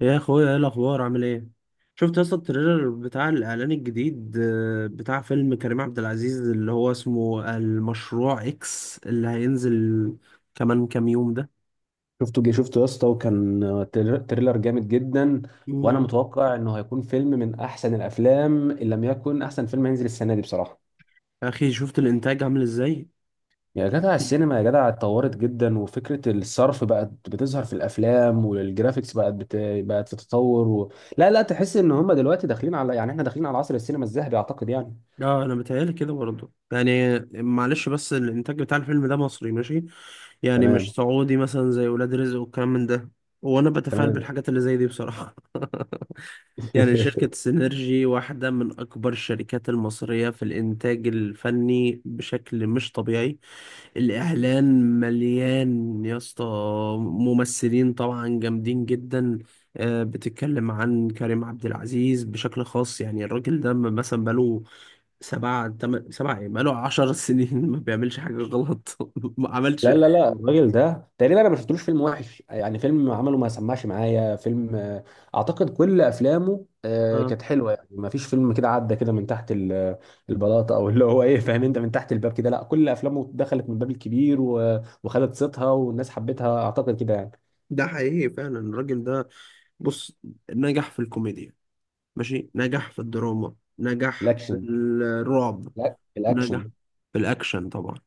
يا اخويا ايه الاخبار؟ عامل ايه؟ شفت اصلا التريلر بتاع الاعلان الجديد، بتاع فيلم كريم عبد العزيز اللي هو اسمه المشروع اكس اللي هينزل كمان كام يوم ده. شفته يا اسطى، وكان تريلر جامد جدا. وانا مم. متوقع انه هيكون فيلم من احسن الافلام ان لم يكن احسن فيلم هينزل السنه دي بصراحه. يا اخي شفت الانتاج عامل ازاي! يا جدع، السينما يا جدع اتطورت جدا، وفكره الصرف بقت بتظهر في الافلام، والجرافيكس بقت في تطور لا لا، تحس ان هم دلوقتي داخلين على يعني احنا داخلين على عصر السينما الذهبي، اعتقد يعني. اه انا بتهيالي كده برضه، يعني معلش، بس الانتاج بتاع الفيلم ده مصري ماشي، يعني مش تمام، سعودي مثلا زي ولاد رزق والكلام من ده. وانا بتفائل تمام. بالحاجات اللي زي دي بصراحة. يعني شركة سينرجي واحدة من أكبر الشركات المصرية في الإنتاج الفني بشكل مش طبيعي. الإعلان مليان يا اسطى، ممثلين طبعا جامدين جدا. بتتكلم عن كريم عبد العزيز بشكل خاص، يعني الراجل ده مثلا بقاله سبعة إيه، بقاله عشر سنين ما بيعملش حاجة غلط. ما عملش لا لا لا، الراجل ده تقريبا انا ما شفتلوش فيلم وحش يعني، فيلم عمله ما سمعش معايا فيلم. اعتقد كل افلامه آه. كانت حلوه يعني، ما فيش فيلم كده عدى كده من تحت البلاطه، او اللي هو ايه، فاهم انت، من تحت الباب كده. لا، كل افلامه دخلت من الباب الكبير وخدت صيتها والناس حبتها، اعتقد كده يعني. ده حقيقي فعلا الراجل ده. بص، نجح في الكوميديا، ماشي، نجح في الدراما، نجح في الاكشن الرعب، لا، نجح الاكشن. في الأكشن طبعا،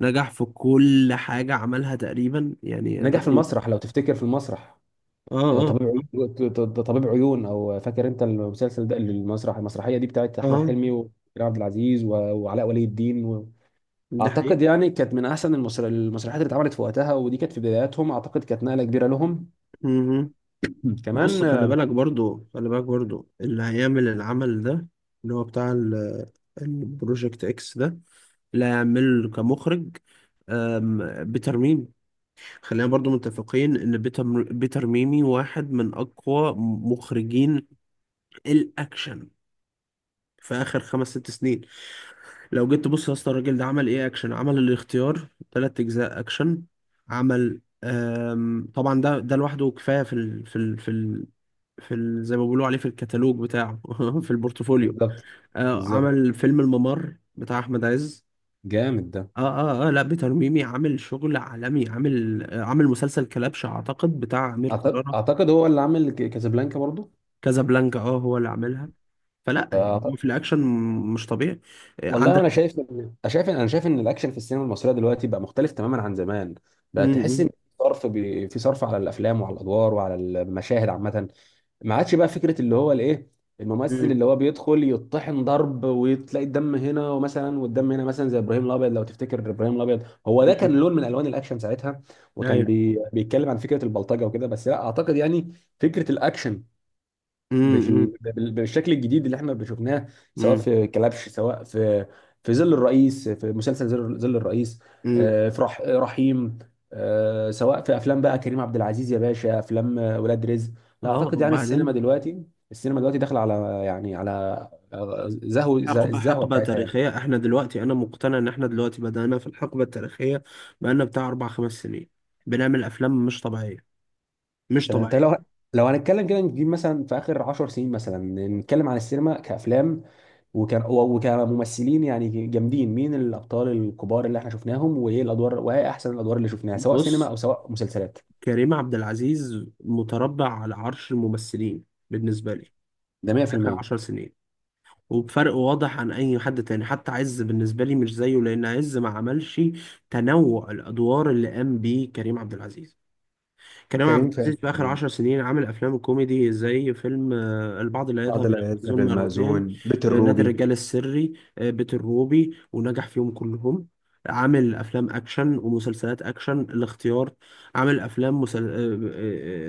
نجح في كل حاجة عملها تقريبا، يعني نجح في الراجل. المسرح، لو تفتكر، في المسرح. اه طبيب اه عيون، طبيب عيون، او فاكر انت المسلسل ده، المسرح، المسرحيه دي بتاعت اه احمد حلمي آه، وكريم عبد العزيز وعلاء ولي الدين. ده حقيقي. اعتقد يعني كانت من احسن المسرحيات اللي اتعملت في وقتها، ودي كانت في بداياتهم، اعتقد كانت نقله كبيره لهم. مهم. بص، كمان. خلي بالك برضو خلي بالك برضو اللي هيعمل العمل ده، اللي هو بتاع ال- البروجكت اكس ده اللي هيعمله كمخرج، بيتر ميمي. خلينا برضو متفقين ان بيتر ميمي واحد من اقوى مخرجين الاكشن في اخر خمس ست سنين. لو جيت تبص يا اسطى، الراجل ده عمل ايه؟ اكشن، عمل الاختيار ثلاث اجزاء اكشن، عمل طبعا ده لوحده كفايه في ال زي ما بيقولوا عليه في الكتالوج بتاعه، في البورتفوليو. بالظبط، بالظبط، عمل فيلم الممر بتاع احمد عز. جامد ده. اه اه لا، بيتر ميمي عامل شغل عالمي، عامل عامل مسلسل كلبش اعتقد بتاع امير كرارة. اعتقد هو اللي عامل كازابلانكا برضو. كازابلانكا، اه هو اللي عاملها. فلا يعني، هو فأعت- في الاكشن مش طبيعي. والله انا عندك. شايف ان الاكشن في السينما المصريه دلوقتي بقى مختلف تماما عن زمان. بقى تحس ان امم في صرف على الافلام وعلى الادوار وعلى المشاهد عامه. ما عادش بقى فكره اللي هو الايه، الممثل امم اللي هو بيدخل يطحن ضرب وتلاقي الدم هنا ومثلا والدم هنا مثلا، زي ابراهيم الابيض لو تفتكر. ابراهيم الابيض هو ده كان امم لون من الوان الاكشن ساعتها، وكان ايوه. بيتكلم عن فكره البلطجه وكده بس، لا اعتقد يعني. فكره الاكشن امم امم بالشكل الجديد اللي احنا شفناه، سواء في كلبش، سواء في ظل الرئيس، في مسلسل ظل الرئيس، امم في رحيم، سواء في افلام بقى كريم عبد العزيز يا باشا، افلام ولاد رزق. لا اه. اعتقد يعني، السينما وبعدين دلوقتي، داخله على يعني على حقبة، الزهوه حقبة بتاعتها يعني. تاريخية احنا دلوقتي، انا مقتنع ان احنا دلوقتي بدأنا في الحقبة التاريخية. بقالنا بتاع اربع خمس سنين بنعمل افلام مش طبيعية، مش تمام. طب لو طبيعية. هنتكلم كده، نجيب مثلا في اخر 10 سنين مثلا، نتكلم عن السينما كافلام وكممثلين يعني جامدين. مين الابطال الكبار اللي احنا شفناهم، وايه الادوار، وايه احسن الادوار اللي شفناها، سواء سينما بص، او سواء مسلسلات؟ كريم عبد العزيز متربع على عرش الممثلين بالنسبة لي ده اخر 100%. عشر سنين، وبفرق واضح عن اي حد تاني. حتى عز بالنسبة لي مش زيه، لان عز ما عملش تنوع الادوار اللي قام بيه كريم عبد العزيز. كريم عبد كريم العزيز فؤاد، في آخر عشر سنين عامل أفلام كوميدي زي فيلم، البعض لا يذهب عادل إلى عياض، المأذون زبير مرتين، المأذون، بيت نادي الروبي. الرجال السري، بيت الروبي، ونجح فيهم كلهم. عامل أفلام أكشن ومسلسلات أكشن، الاختيار. عامل أفلام مسل... آه،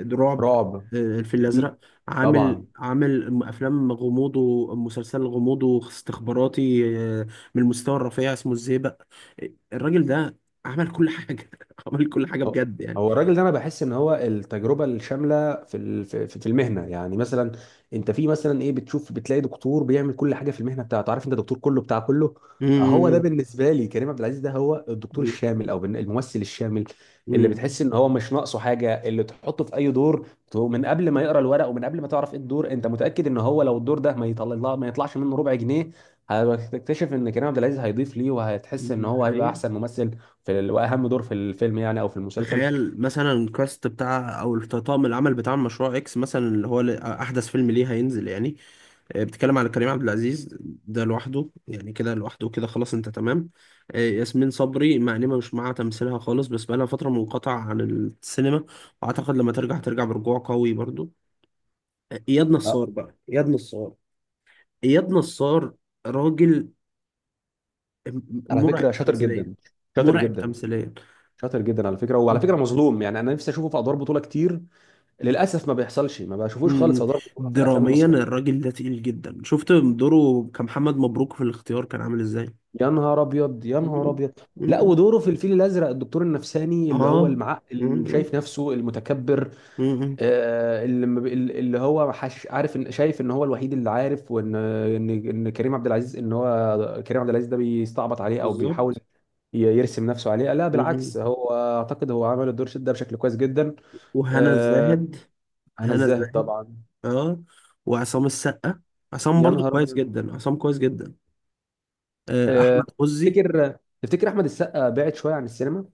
آه، آه، رعب، رعب الفيل الأزرق. عامل، طبعا. عامل أفلام غموض ومسلسل غموض واستخباراتي، من المستوى الرفيع اسمه الزيبق. الراجل ده عمل كل حاجة. عمل كل حاجة هو بجد يعني. هو الراجل ده انا بحس ان هو التجربه الشامله في ال- في في المهنه يعني. مثلا انت في مثلا ايه بتشوف، بتلاقي دكتور بيعمل كل حاجه في المهنه بتاعته، عارف انت، دكتور كله بتاع كله. هو ده مم. بالنسبه لي كريم عبد العزيز، ده هو الدكتور مم. الشامل او الممثل الشامل، اللي مم. بتحس ان هو مش ناقصه حاجه، اللي تحطه في اي دور. من قبل ما يقرا الورق ومن قبل ما تعرف ايه الدور، انت متاكد ان هو لو الدور ده ما يطلع ما يطلعش منه ربع جنيه، هتكتشف ان كريم عبد العزيز هيضيف ليه، وهتحس ان هو هيبقى حقيقة. احسن ممثل واهم دور في الفيلم يعني، او في المسلسل. تخيل مثلا الكاست بتاع او طاقم العمل بتاع مشروع اكس مثلا، احدث فيلم ليه هينزل يعني. بتتكلم على كريم عبد العزيز، ده لوحده، يعني كده لوحده كده خلاص، انت تمام. ياسمين صبري، مع اني مش مع تمثيلها خالص، بس بقالها فترة منقطعة عن السينما، واعتقد لما ترجع ترجع برجوع قوي برضو. آه، اياد آه، نصار بقى اياد نصار اياد نصار راجل على مرعب فكره شاطر تمثيليا. جدا، شاطر مرعب جدا، تمثيليا. شاطر جدا، على فكره، وعلى فكره مظلوم يعني، انا نفسي اشوفه في ادوار بطوله كتير. للاسف ما بيحصلش، ما بشوفوش خالص امم. في ادوار بطوله في الافلام دراميا المصريه. الراجل ده تقيل جدا. شفت دوره كمحمد مبروك في الاختيار كان عامل ازاي! يا نهار ابيض، يا نهار امم. ابيض. لا، امم. ودوره في الفيل الازرق، الدكتور النفساني اللي هو اه. المعقل، اللي امم. شايف نفسه المتكبر، امم. اللي ما بي- اللي هو حش عارف ان، شايف ان هو الوحيد اللي عارف، وان ان ان كريم عبد العزيز، ان هو كريم عبد العزيز ده بيستعبط عليه او بيحاول بالظبط. يرسم نفسه عليه. لا امم. بالعكس، هو اعتقد هو عمل الدور شد ده بشكل كويس جدا. وهنا آه، الزاهد، هنا هنا الزاهد الزاهد. طبعا. اه. وعصام السقا، عصام يا برضو نهار كويس ابيض. جدا، عصام كويس جدا. آه، احمد عزي. تفتكر تفتكر احمد السقا بعد شويه عن السينما؟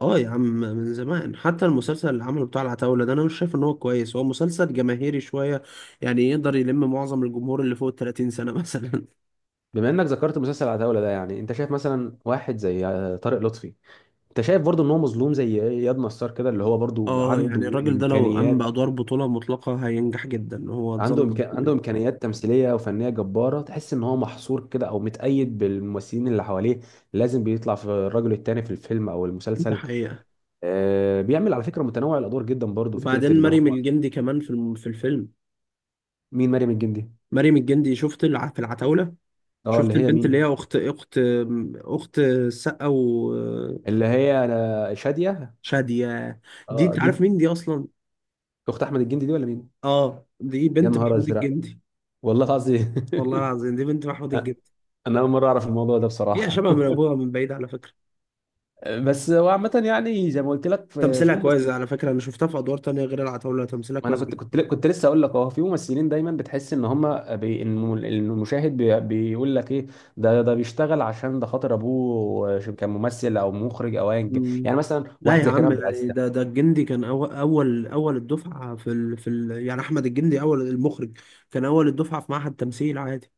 اه يا عم من زمان. حتى المسلسل اللي عمله بتاع العتاولة ده انا مش شايف ان هو كويس، هو مسلسل جماهيري شوية، يعني يقدر يلم معظم الجمهور اللي فوق ال 30 سنة مثلا. بما انك ذكرت مسلسل عتاوله ده، يعني انت شايف مثلا واحد زي طارق لطفي، انت شايف برضه ان هو مظلوم زي اياد نصار كده، اللي هو برضه اه عنده يعني الراجل ده لو قام امكانيات، بأدوار بطولة مطلقة هينجح جدا، هو اتظلم عنده كتير. امكانيات تمثيليه وفنيه جباره. تحس ان هو محصور كده، او متقيد بالممثلين اللي حواليه، لازم بيطلع في الرجل التاني في الفيلم او ده المسلسل. حقيقة. بيعمل على فكره متنوع الادوار جدا برضو، فكره وبعدين اللي مريم هو. الجندي كمان في الفيلم. مين مريم الجندي؟ مريم الجندي. في العتاولة، اه اللي شفت هي البنت اللي هي مين؟ أخت أخت السقا اللي وشادية. هي انا شاديه؟ دي اه أنت دي. عارف مين دي أصلا؟ اخت احمد الجندي دي ولا مين؟ اه دي يا بنت نهار محمود ازرق. الجندي. والله العظيم. والله العظيم دي بنت محمود الجندي. انا اول مره اعرف الموضوع ده هي بصراحه شبه من أبوها من بعيد على فكرة. بس هو عامه يعني، زي ما قلت لك، في تمثيلها في كويس، على ممثلين. فكرة أنا شفتها في أدوار تانية غير العتاولة، تمثيلها ما انا كويس. كنت لسه اقول لك، اه في ممثلين دايما بتحس ان هم إن المشاهد بيقول لك ايه، ده بيشتغل عشان ده خاطر ابوه كان ممثل او مخرج او ايا كان. مم. يعني مثلا لا واحد يا زي كريم عم، عبد العزيز. يعني ده الجندي كان أول الدفعة يعني أحمد الجندي، أول المخرج. كان أول الدفعة في معهد تمثيل عادي.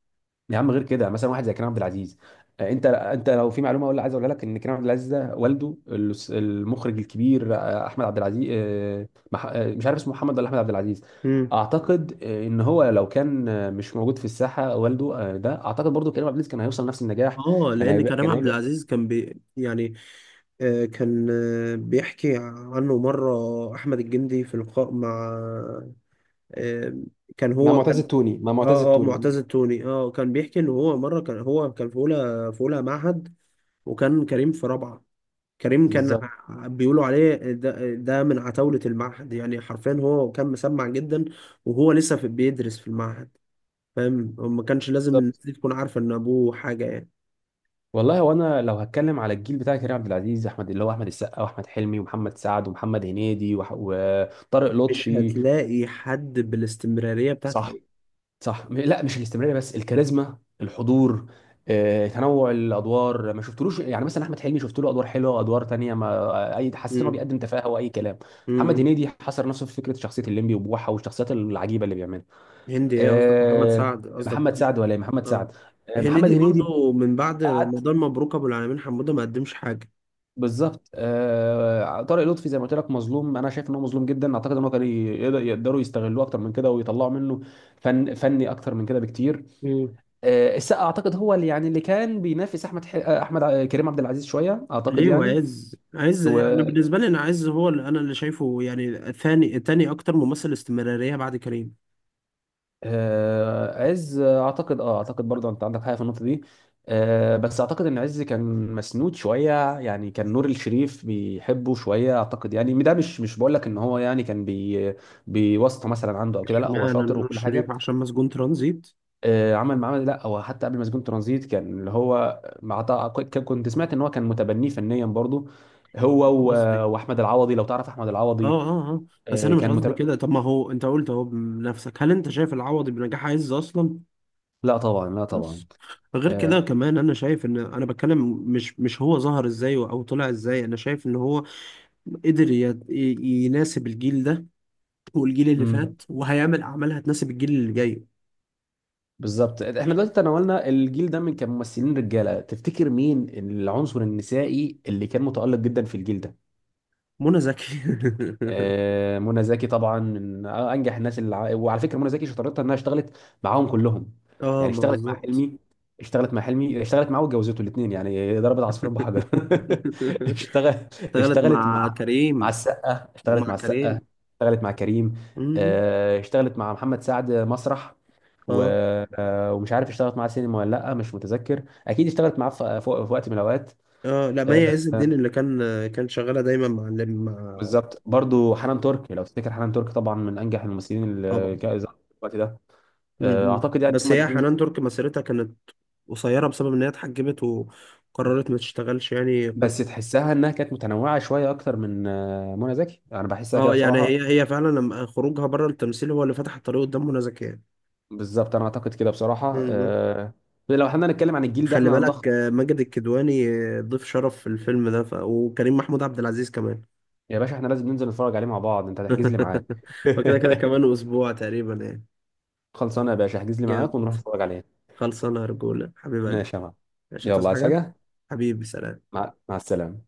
يا عم، غير كده، مثلا واحد زي كريم عبد العزيز. انت لو في معلومه، عايز اقولها لك، ان كريم عبد العزيز ده والده المخرج الكبير، احمد عبد العزيز، مش عارف اسمه محمد ولا احمد عبد العزيز. امم اعتقد ان هو لو كان مش موجود في الساحه والده، ده اعتقد برضو كريم عبد العزيز كان هيوصل نفس النجاح. اه لان كريم كان عبد هيبقى. العزيز كان بي، يعني. آه كان آه بيحكي عنه مره احمد الجندي في لقاء مع، آه كان هو كان مع معتز اه التوني. معتز التوني. اه كان بيحكي ان هو مره كان، هو كان في اولى، في اولى معهد، وكان كريم في رابعه. كريم كان بالظبط، بيقولوا عليه، ده من عتاولة المعهد، يعني حرفيا هو كان مسمع جدا وهو لسه في، بيدرس في المعهد. فاهم؟ ما كانش لازم الناس بالظبط. دي تكون عارفة ان ابوه حاجة يعني. والله، هو انا لو هتكلم على الجيل بتاع كريم عبد العزيز، احمد اللي هو احمد السقا واحمد حلمي ومحمد سعد ومحمد هنيدي وطارق مش لطفي. هتلاقي حد بالاستمرارية بتاعت صح، كريم. صح. لا مش الاستمراريه، بس الكاريزما، الحضور. تنوع الادوار، ما شفتلوش يعني. مثلا احمد حلمي شفت له ادوار حلوه، ادوار تانية، ما اي حسيت انه امم بيقدم تفاهه واي كلام. محمد امم هنيدي حصر نفسه في فكره شخصيه الليمبي وبوحه والشخصيات العجيبه اللي بيعملها. هندي ايه؟ قصدك محمد آه، سعد، قصدك محمد محمد، سعد ولا إيه؟ محمد اه، سعد. محمد هنيدي هنيدي برضو من بعد قعد. رمضان مبروك ابو العالمين حموده ما قدمش حاجة. بالظبط. طارق لطفي زي ما قلت لك مظلوم، انا شايف ان هو مظلوم جدا. اعتقد ان هو كان يقدروا يستغلوه اكتر من كده، ويطلعوا منه فني اكتر من كده بكتير. مم. السقا اعتقد هو اللي يعني، اللي كان بينافس احمد ح... آه، احمد ع- كريم عبد العزيز شويه، اعتقد ليه؟ يعني. وعز، عز يعني بالنسبة لي، أنا عز هو اللي أنا اللي شايفه، يعني ثاني، تاني أكتر ممثل استمرارية بعد كريم. وعز اعتقد، اه اعتقد برضه انت عندك حاجه في النقطه دي. بس اعتقد ان عز كان مسنود شويه يعني، كان نور الشريف بيحبه شويه اعتقد يعني. ده مش، مش بقول لك ان هو يعني كان بيواسطه مثلا عنده او كده، لا هو اشمعنى شاطر نور وكل الشريف؟ حاجه. عشان مسجون ترانزيت. عمل معاه. لا هو حتى قبل مسجون ترانزيت كان اللي هو كنت سمعت ان هو كان متبنيه فنيا برضو. هو مش قصدي. واحمد العوضي، لو تعرف احمد اه العوضي، اه اه بس أنا مش كان قصدي متبني. كده. طب ما هو أنت قلت أهو بنفسك، هل أنت شايف العوضي بنجاح عز أصلا؟ لا طبعا، لا طبعا. بس غير كده آه، كمان أنا شايف إن، أنا بتكلم مش، مش هو ظهر إزاي أو طلع إزاي. أنا شايف إن هو قدر يناسب الجيل ده والجيل اللي مم، فات، وهيعمل أعمال هتناسب الجيل اللي جاي. بالظبط. احنا دلوقتي تناولنا الجيل ده من كممثلين رجاله، تفتكر مين العنصر النسائي اللي كان متألق جدا في الجيل ده؟ منى زكي. منى زكي طبعا، من انجح الناس اللي وعلى فكره منى زكي شطارتها انها اشتغلت معاهم كلهم. اه يعني ما اشتغلت مع بالظبط. حلمي، اشتغلت معاه واتجوزته الاثنين يعني، ضربت عصفورين بحجر. اشتغل اشتغلت اشتغلت مع مع كريم. السقا، ومع كريم. اشتغلت مع كريم. مم. اشتغلت مع محمد سعد مسرح و... اه ومش عارف اشتغلت معاه سينما ولا لا، مش متذكر. اكيد اشتغلت معاه في وقت من الاوقات. اه لا، مي عز الدين آه، اللي كان، كان شغاله دايما مع اللي مع. بالظبط، برضو حنان ترك، لو تفتكر حنان ترك طبعا من انجح الممثلين اللي طبعا. كانوا ظهروا في الوقت ده. اعتقد يعني بس هما هي الاثنين دول، حنان ترك مسيرتها كانت قصيره بسبب ان هي اتحجبت وقررت ما تشتغلش، يعني بس تحسها انها كانت متنوعه شويه اكتر من منى زكي، انا بحسها كده اه. يعني بصراحه. هي، هي فعلا لما خروجها بره التمثيل هو اللي فتح الطريق قدام منى زكي يعني. بالظبط، انا اعتقد كده بصراحه. مم. لو احنا نتكلم عن الجيل ده، خلي احنا بالك، هنلخص. ماجد الكدواني، ضيف شرف في الفيلم ده، وكريم محمود عبد العزيز كمان. يا باشا احنا لازم ننزل نتفرج عليه مع بعض، انت هتحجز لي معاك. وكده كده كمان اسبوع تقريبا يعني. خلصانه يا باشا، احجز لي جامد. معاك ونروح نتفرج عليه. خلصانه يا رجوله، حبيب قلبي. ماشي يا معلم. مش يلا، هتصحى عايز حاجه. حاجه؟ حبيبي سلام. مع السلامه.